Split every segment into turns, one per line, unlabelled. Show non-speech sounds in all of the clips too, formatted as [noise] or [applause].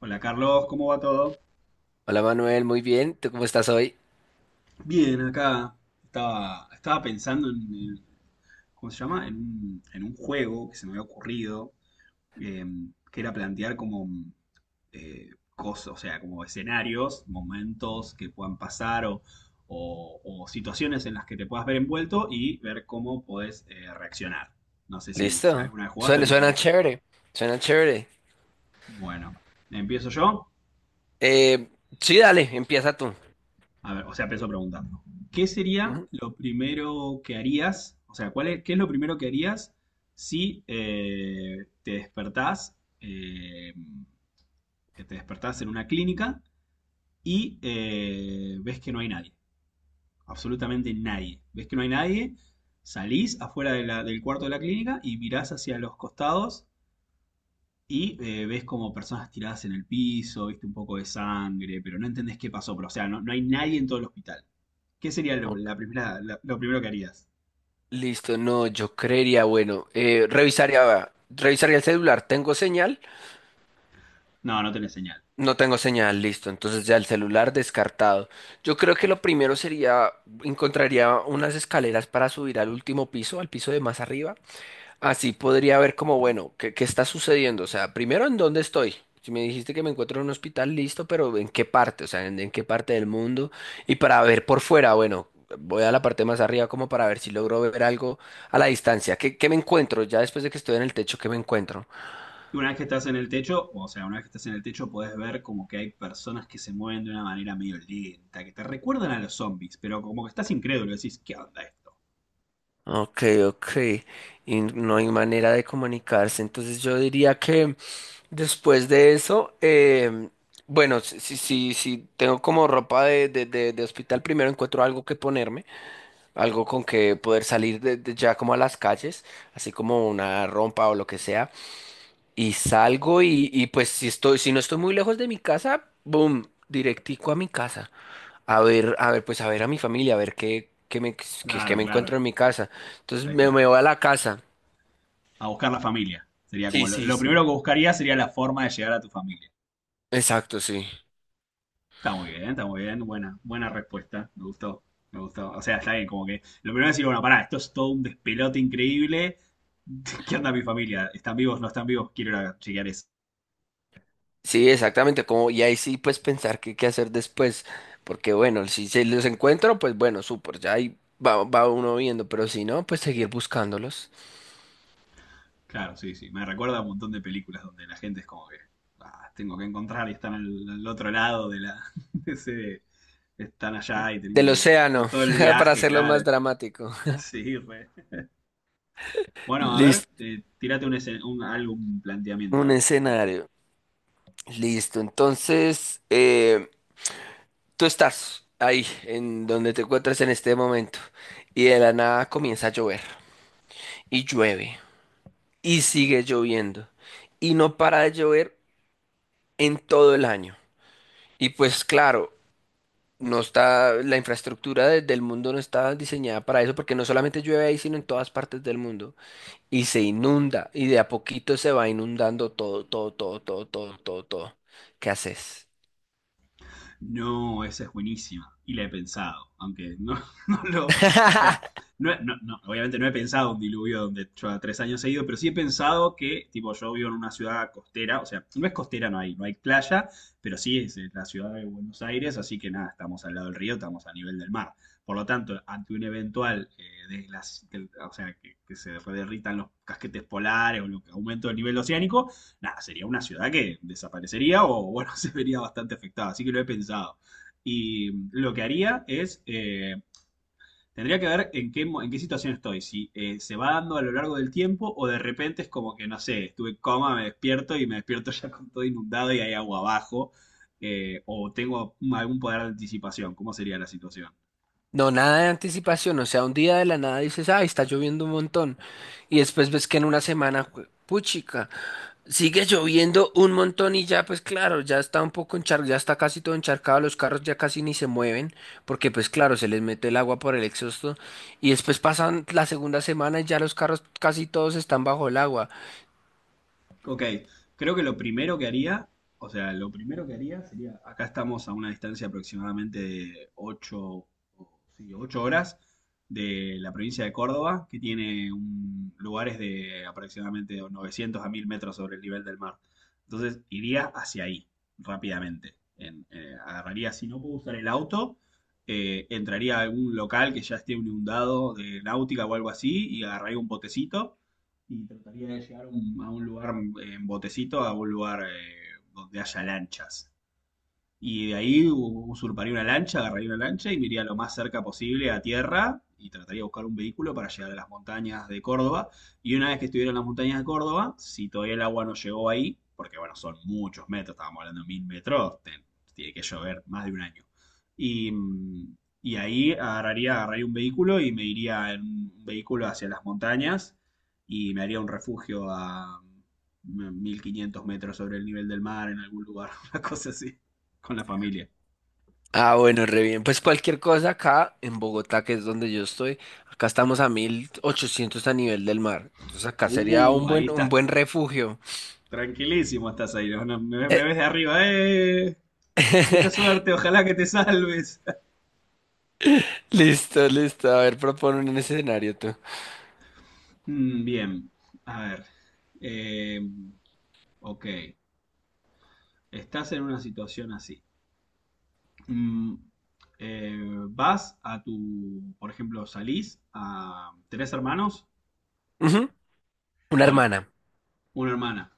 Hola Carlos, ¿cómo va todo?
Hola Manuel, muy bien. ¿Tú cómo estás hoy?
Bien, acá estaba pensando en ¿cómo se llama? En un juego que se me había ocurrido, eh, que era plantear como eh, cosas, o sea, como escenarios, momentos que puedan pasar o situaciones en las que te puedas ver envuelto y ver cómo podés reaccionar. No sé si
¿Listo?
alguna vez jugaste o
Suena,
te
suena
interesa.
chévere. Suena chévere.
Bueno, empiezo yo.
Eh, sí, dale, empieza tú.
A ver, o sea, empiezo preguntando. ¿Qué sería
Ujú.
lo primero que harías? O sea, ¿cuál es, qué es lo primero que harías si te despertás, eh, que te despertás en una clínica y ves que no hay nadie? Absolutamente nadie. Ves que no hay nadie, salís afuera de del cuarto de la clínica y mirás hacia los costados y ves como personas tiradas en el piso, viste un poco de sangre, pero no entendés qué pasó. Pero, o sea, no, no hay nadie en todo el hospital. ¿Qué sería
Ok.
la primera, lo primero que harías?
Listo, no, yo creería, bueno, revisaría el celular. ¿Tengo señal?
No, no tenés señal.
No tengo señal, listo. Entonces ya el celular descartado. Yo creo que lo primero sería, encontraría unas escaleras para subir al último piso, al piso de más arriba. Así podría ver como, bueno, ¿qué está sucediendo? O sea, primero, ¿en dónde estoy? Si me dijiste que me encuentro en un hospital, listo, pero ¿en qué parte? O sea, ¿en qué parte del mundo? Y para ver por fuera, bueno, voy a la parte más arriba como para ver si logro ver algo a la distancia. ¿Qué me encuentro? Ya después de que estoy en el techo, ¿qué me encuentro?
Y una vez que estás en el techo, o sea, una vez que estás en el techo, podés ver como que hay personas que se mueven de una manera medio lenta, que te recuerdan a los zombies, pero como que estás incrédulo, decís, ¿qué onda esto?
Ok, ok. Y no hay manera de comunicarse. Entonces yo diría que después de eso, bueno, si tengo como ropa de hospital, primero encuentro algo que ponerme, algo con que poder salir de ya como a las calles, así como una rompa o lo que sea. Y salgo y pues si estoy, si no estoy muy lejos de mi casa, boom, directico a mi casa. A ver, pues a ver a mi familia, a ver qué, qué me, qué, qué
Claro,
me
claro,
encuentro en mi casa. Entonces
ahí
me,
está.
me voy a la casa.
A buscar la familia. Sería como
Sí, sí,
lo
sí.
primero que buscaría sería la forma de llegar a tu familia.
Exacto, sí.
Está muy bien, está muy bien. Buena, buena respuesta. Me gustó, me gustó. O sea, está bien, como que lo primero es decir, bueno, pará, esto es todo un despelote increíble. [laughs] ¿Qué onda mi familia? ¿Están vivos? ¿No están vivos? Quiero ir a chequear eso.
Sí, exactamente, como, y ahí sí pues pensar qué hacer después, porque bueno, si se los encuentro, pues bueno, súper, ya ahí va uno viendo, pero si no, pues seguir buscándolos.
Claro, sí, sí. Me recuerda a un montón de películas donde la gente es como que, ah, tengo que encontrar y están al otro lado de la, [laughs] de ese, están allá y tengo
Del
que, todo,
océano,
todo el
[laughs] para
viaje,
hacerlo
claro.
más dramático.
[laughs] Sí, re. Bueno, a ver,
Listo,
tírate algún planteamiento, a
un
ver qué puedo
escenario. Listo, entonces, tú estás ahí, en donde te encuentras en este momento, y de la nada comienza a llover, y llueve, y sigue lloviendo, y no para de llover en todo el año. Y pues claro, no está, la infraestructura del mundo no está diseñada para eso, porque no solamente llueve ahí, sino en todas partes del mundo, y se inunda, y de a poquito se va inundando todo, todo, todo, todo, todo, todo, todo. ¿Qué haces?
no, esa es buenísima. Y la he pensado, aunque no, [laughs] no lo... O sea,
[laughs]
no, no, no, obviamente no he pensado un diluvio donde yo a 3 años he ido, pero sí he pensado que, tipo, yo vivo en una ciudad costera, o sea, no es costera, no hay, no hay playa, pero sí es la ciudad de Buenos Aires, así que nada, estamos al lado del río, estamos a nivel del mar. Por lo tanto, ante un eventual, de o sea, que se derritan los casquetes polares o lo que aumento del nivel oceánico, nada, sería una ciudad que desaparecería o, bueno, [laughs] se vería bastante afectada. Así que lo he pensado. Y lo que haría es, tendría que ver en qué, en qué situación estoy, si se va dando a lo largo del tiempo o de repente es como que, no sé, estuve en coma, me despierto y me despierto [laughs] ya con todo inundado y hay agua abajo, o tengo algún poder de anticipación, ¿cómo sería la situación?
No, nada de anticipación, o sea, un día de la nada dices, ay, está lloviendo un montón, y después ves que en una semana, puchica, sigue lloviendo un montón y ya, pues claro, ya está un poco encharcado, ya está casi todo encharcado, los carros ya casi ni se mueven, porque pues claro, se les mete el agua por el exhausto, y después pasan la segunda semana y ya los carros casi todos están bajo el agua.
Ok, creo que lo primero que haría, o sea, lo primero que haría sería, acá estamos a una distancia aproximadamente de 8 horas de la provincia de Córdoba, que tiene un- lugares de aproximadamente 900 a 1000 metros sobre el nivel del mar. Entonces iría hacia ahí rápidamente. Agarraría, si no puedo usar el auto, entraría a algún local que ya esté inundado de náutica o algo así y agarraría un botecito y trataría de llegar a a un lugar en botecito, a un lugar donde haya lanchas. Y de ahí usurparía una lancha, agarraría una lancha y me iría lo más cerca posible a tierra y trataría de buscar un vehículo para llegar a las montañas de Córdoba. Y una vez que estuviera en las montañas de Córdoba, si todavía el agua no llegó ahí, porque bueno, son muchos metros, estábamos hablando de 1000 metros, tiene que llover más de un año. Y, mm, y ahí agarraría, agarraría un vehículo y me iría en un vehículo hacia las montañas y me haría un refugio a 1500 metros sobre el nivel del mar en algún lugar, [laughs] una cosa así. Con la familia.
Ah, bueno, re bien. Pues cualquier cosa acá en Bogotá, que es donde yo estoy, acá estamos a 1.800 a nivel del mar. Entonces acá sería un
Ahí
buen, un
estás.
buen refugio.
Tranquilísimo estás ahí. ¿No? No, me
Eh,
ves de arriba. ¡Eh! Mucha
[laughs]
suerte, ojalá que te salves. [laughs]
Listo, listo. A ver, propone un escenario tú.
Mm, bien, a ver. Eh, ok, estás en una situación así. Mm, eh, vas a tu, por ejemplo, salís a tres hermanos.
Ujú. Una
Bueno,
hermana.
una hermana.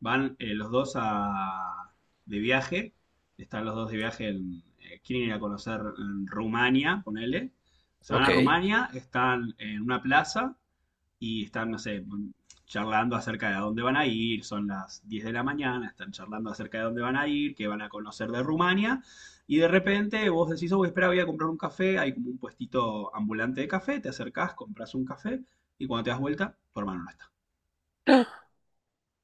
Van los dos a, de viaje, están los dos de viaje, en, quieren ir a conocer en Rumania, ponele. Se van
Ok.
a Rumania, están en una plaza y están, no sé, charlando acerca de a dónde van a ir, son las 10 de la mañana, están charlando acerca de dónde van a ir, qué van a conocer de Rumania, y de repente vos decís, oh, espera, voy a comprar un café, hay como un puestito ambulante de café, te acercás, compras un café, y cuando te das vuelta, tu hermano no está.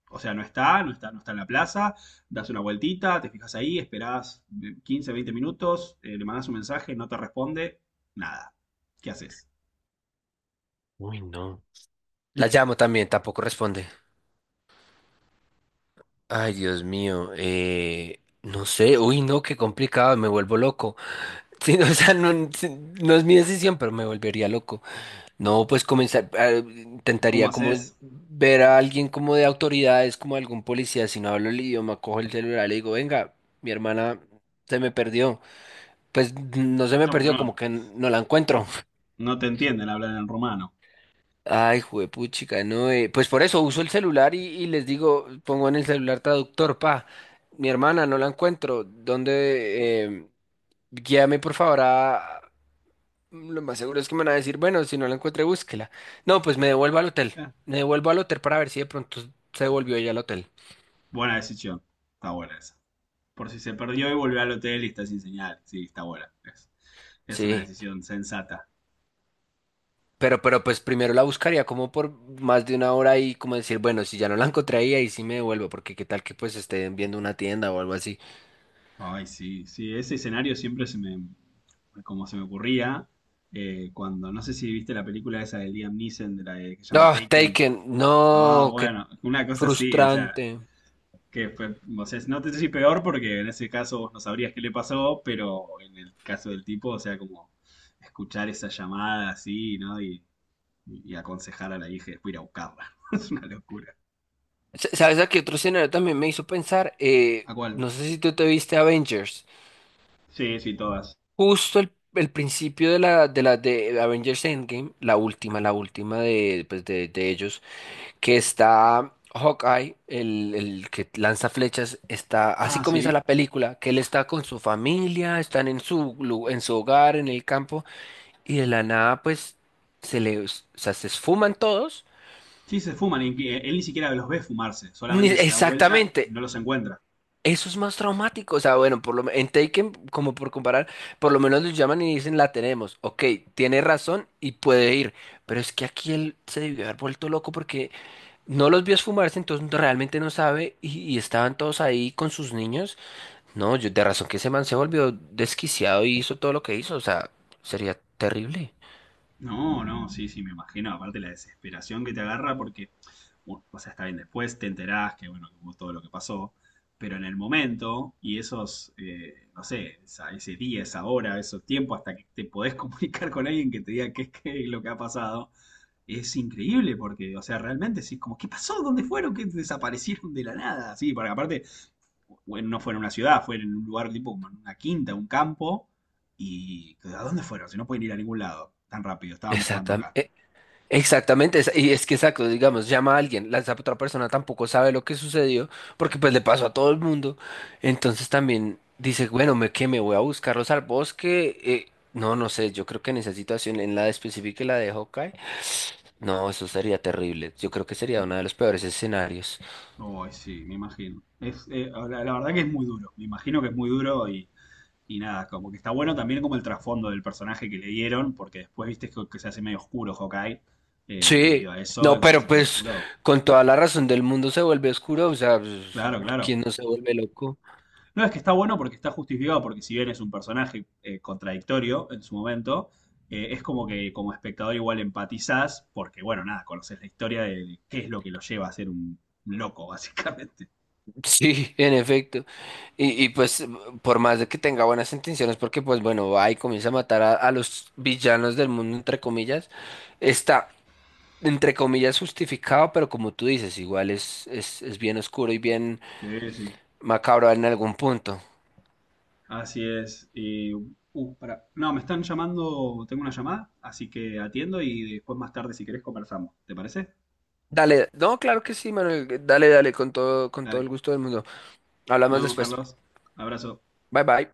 O sea, no está, no está, no está en la plaza, das una vueltita, te fijas ahí, esperás 15, 20 minutos, le mandás un mensaje, no te responde, nada. ¿Qué haces?
Uy, no. La llamo también, tampoco responde. Ay, Dios mío. No sé. Uy, no, qué complicado. Me vuelvo loco. [laughs] Sí, o sea, no, sí, no es mi decisión, pero me volvería loco. No, pues comenzar, ah,
¿Cómo
intentaría como
haces?
ver a alguien como de autoridades, como algún policía, si no hablo el idioma, cojo el celular y le digo, venga, mi hermana se me perdió. Pues no se me
No, pero
perdió, como
no,
que no la encuentro.
no te entienden hablar en rumano.
Ay, juepuchica, no, pues por eso uso el celular y les digo, pongo en el celular traductor, pa, mi hermana no la encuentro, ¿dónde? Guíame por favor a, lo más seguro es que me van a decir, bueno, si no la encuentre, búsquela. No, pues me devuelvo al hotel.
Eh,
Me devuelvo al hotel para ver si de pronto se devolvió ella al hotel.
buena decisión, está buena esa. Por si se perdió y volvió al hotel y está sin señal, sí, está buena. Es una
Sí.
decisión sensata.
Pero pues primero la buscaría como por más de 1 hora y como decir, bueno, si ya no la encontré ahí, ahí sí me devuelvo, porque qué tal que pues estén viendo una tienda o algo así.
Ay, sí, sí, ese escenario siempre se me, como se me ocurría, cuando, no sé si viste la película esa de Liam Neeson, de que se llama
No,
Taken.
Taken,
Ah,
no, qué
bueno, una cosa así, o sea,
frustrante.
que fue, o sea, no te sé si peor porque en ese caso vos no sabrías qué le pasó, pero en el caso del tipo, o sea, como escuchar esa llamada así, ¿no? Y aconsejar a la hija y después ir a buscarla. [laughs] Es una locura.
¿Sabes a qué otro escenario también me hizo pensar?
¿A cuál?
No sé si tú te viste Avengers.
Sí, sí, todas.
Justo el principio de la de Avengers Endgame, la última de, de ellos, que está Hawkeye, el que lanza flechas, está, así
Ah,
comienza
sí.
la película, que él está con su familia, están en su hogar, en el campo, y de la nada, pues, o sea, se esfuman todos.
Sí, se fuman, y que él ni siquiera los ve fumarse, solamente se da vuelta y
Exactamente.
no los encuentra.
Eso es más traumático, o sea, bueno, en Taken, como por comparar, por lo menos le llaman y dicen la tenemos, ok, tiene razón y puede ir, pero es que aquí él se debió haber vuelto loco porque no los vio esfumarse, entonces realmente no sabe y estaban todos ahí con sus niños, no, yo de razón que ese man se volvió desquiciado y hizo todo lo que hizo, o sea, sería terrible.
No, no, sí, sí, me imagino. Aparte la desesperación que te agarra porque, bueno, o sea, está bien, después te enterás que, bueno, que hubo todo lo que pasó, pero en el momento y esos, no sé, ese día, esa hora, esos tiempos hasta que te podés [laughs] comunicar con alguien que te diga qué, qué es lo que ha pasado, es increíble porque, o sea, realmente sí, como, ¿qué pasó? ¿Dónde fueron? ¿Qué desaparecieron de la nada? Sí, porque aparte, bueno, no fue en una ciudad, fue en un lugar tipo como en una quinta, un campo. ¿Y a dónde fueron? Si no pueden ir a ningún lado tan rápido, estábamos jugando acá.
Exactamente. Exactamente, y es que exacto, digamos, llama a alguien, la esa otra persona tampoco sabe lo que sucedió, porque pues le pasó a todo el mundo, entonces también dice, bueno, que me voy a buscarlos al bosque, no, no sé, yo creo que en esa situación, en la específica y la de Hawkeye, no, eso sería terrible, yo creo que sería uno de los peores escenarios.
Oh, sí, me imagino. Es, la, la verdad que es muy duro. Me imagino que es muy duro y nada, como que está bueno también como el trasfondo del personaje que le dieron, porque después viste que se hace medio oscuro Hawkeye
Sí,
debido a
no,
eso, se hace
pero
medio
pues
oscuro.
con toda la razón del mundo se vuelve oscuro, o sea, pues,
Claro, claro.
¿quién no se vuelve loco?
No, es que está bueno porque está justificado, porque si bien es un personaje contradictorio en su momento, es como que como espectador igual empatizás, porque bueno, nada, conoces la historia de qué es lo que lo lleva a ser un loco, [laughs] básicamente.
[laughs] Sí, en efecto. Y pues por más de que tenga buenas intenciones, porque pues bueno, va y comienza a matar a los villanos del mundo, entre comillas, está, entre comillas, justificado, pero como tú dices, igual es bien oscuro y bien
Sí, sí.
macabro en algún punto.
Así es. Y, pará. No, me están llamando, tengo una llamada, así que atiendo y después más tarde si querés conversamos. ¿Te parece?
Dale, no, claro que sí, Manuel, dale, dale, con todo
Dale.
el gusto del mundo.
Nos
Hablamos
vemos,
después.
Carlos. Abrazo.
Bye bye.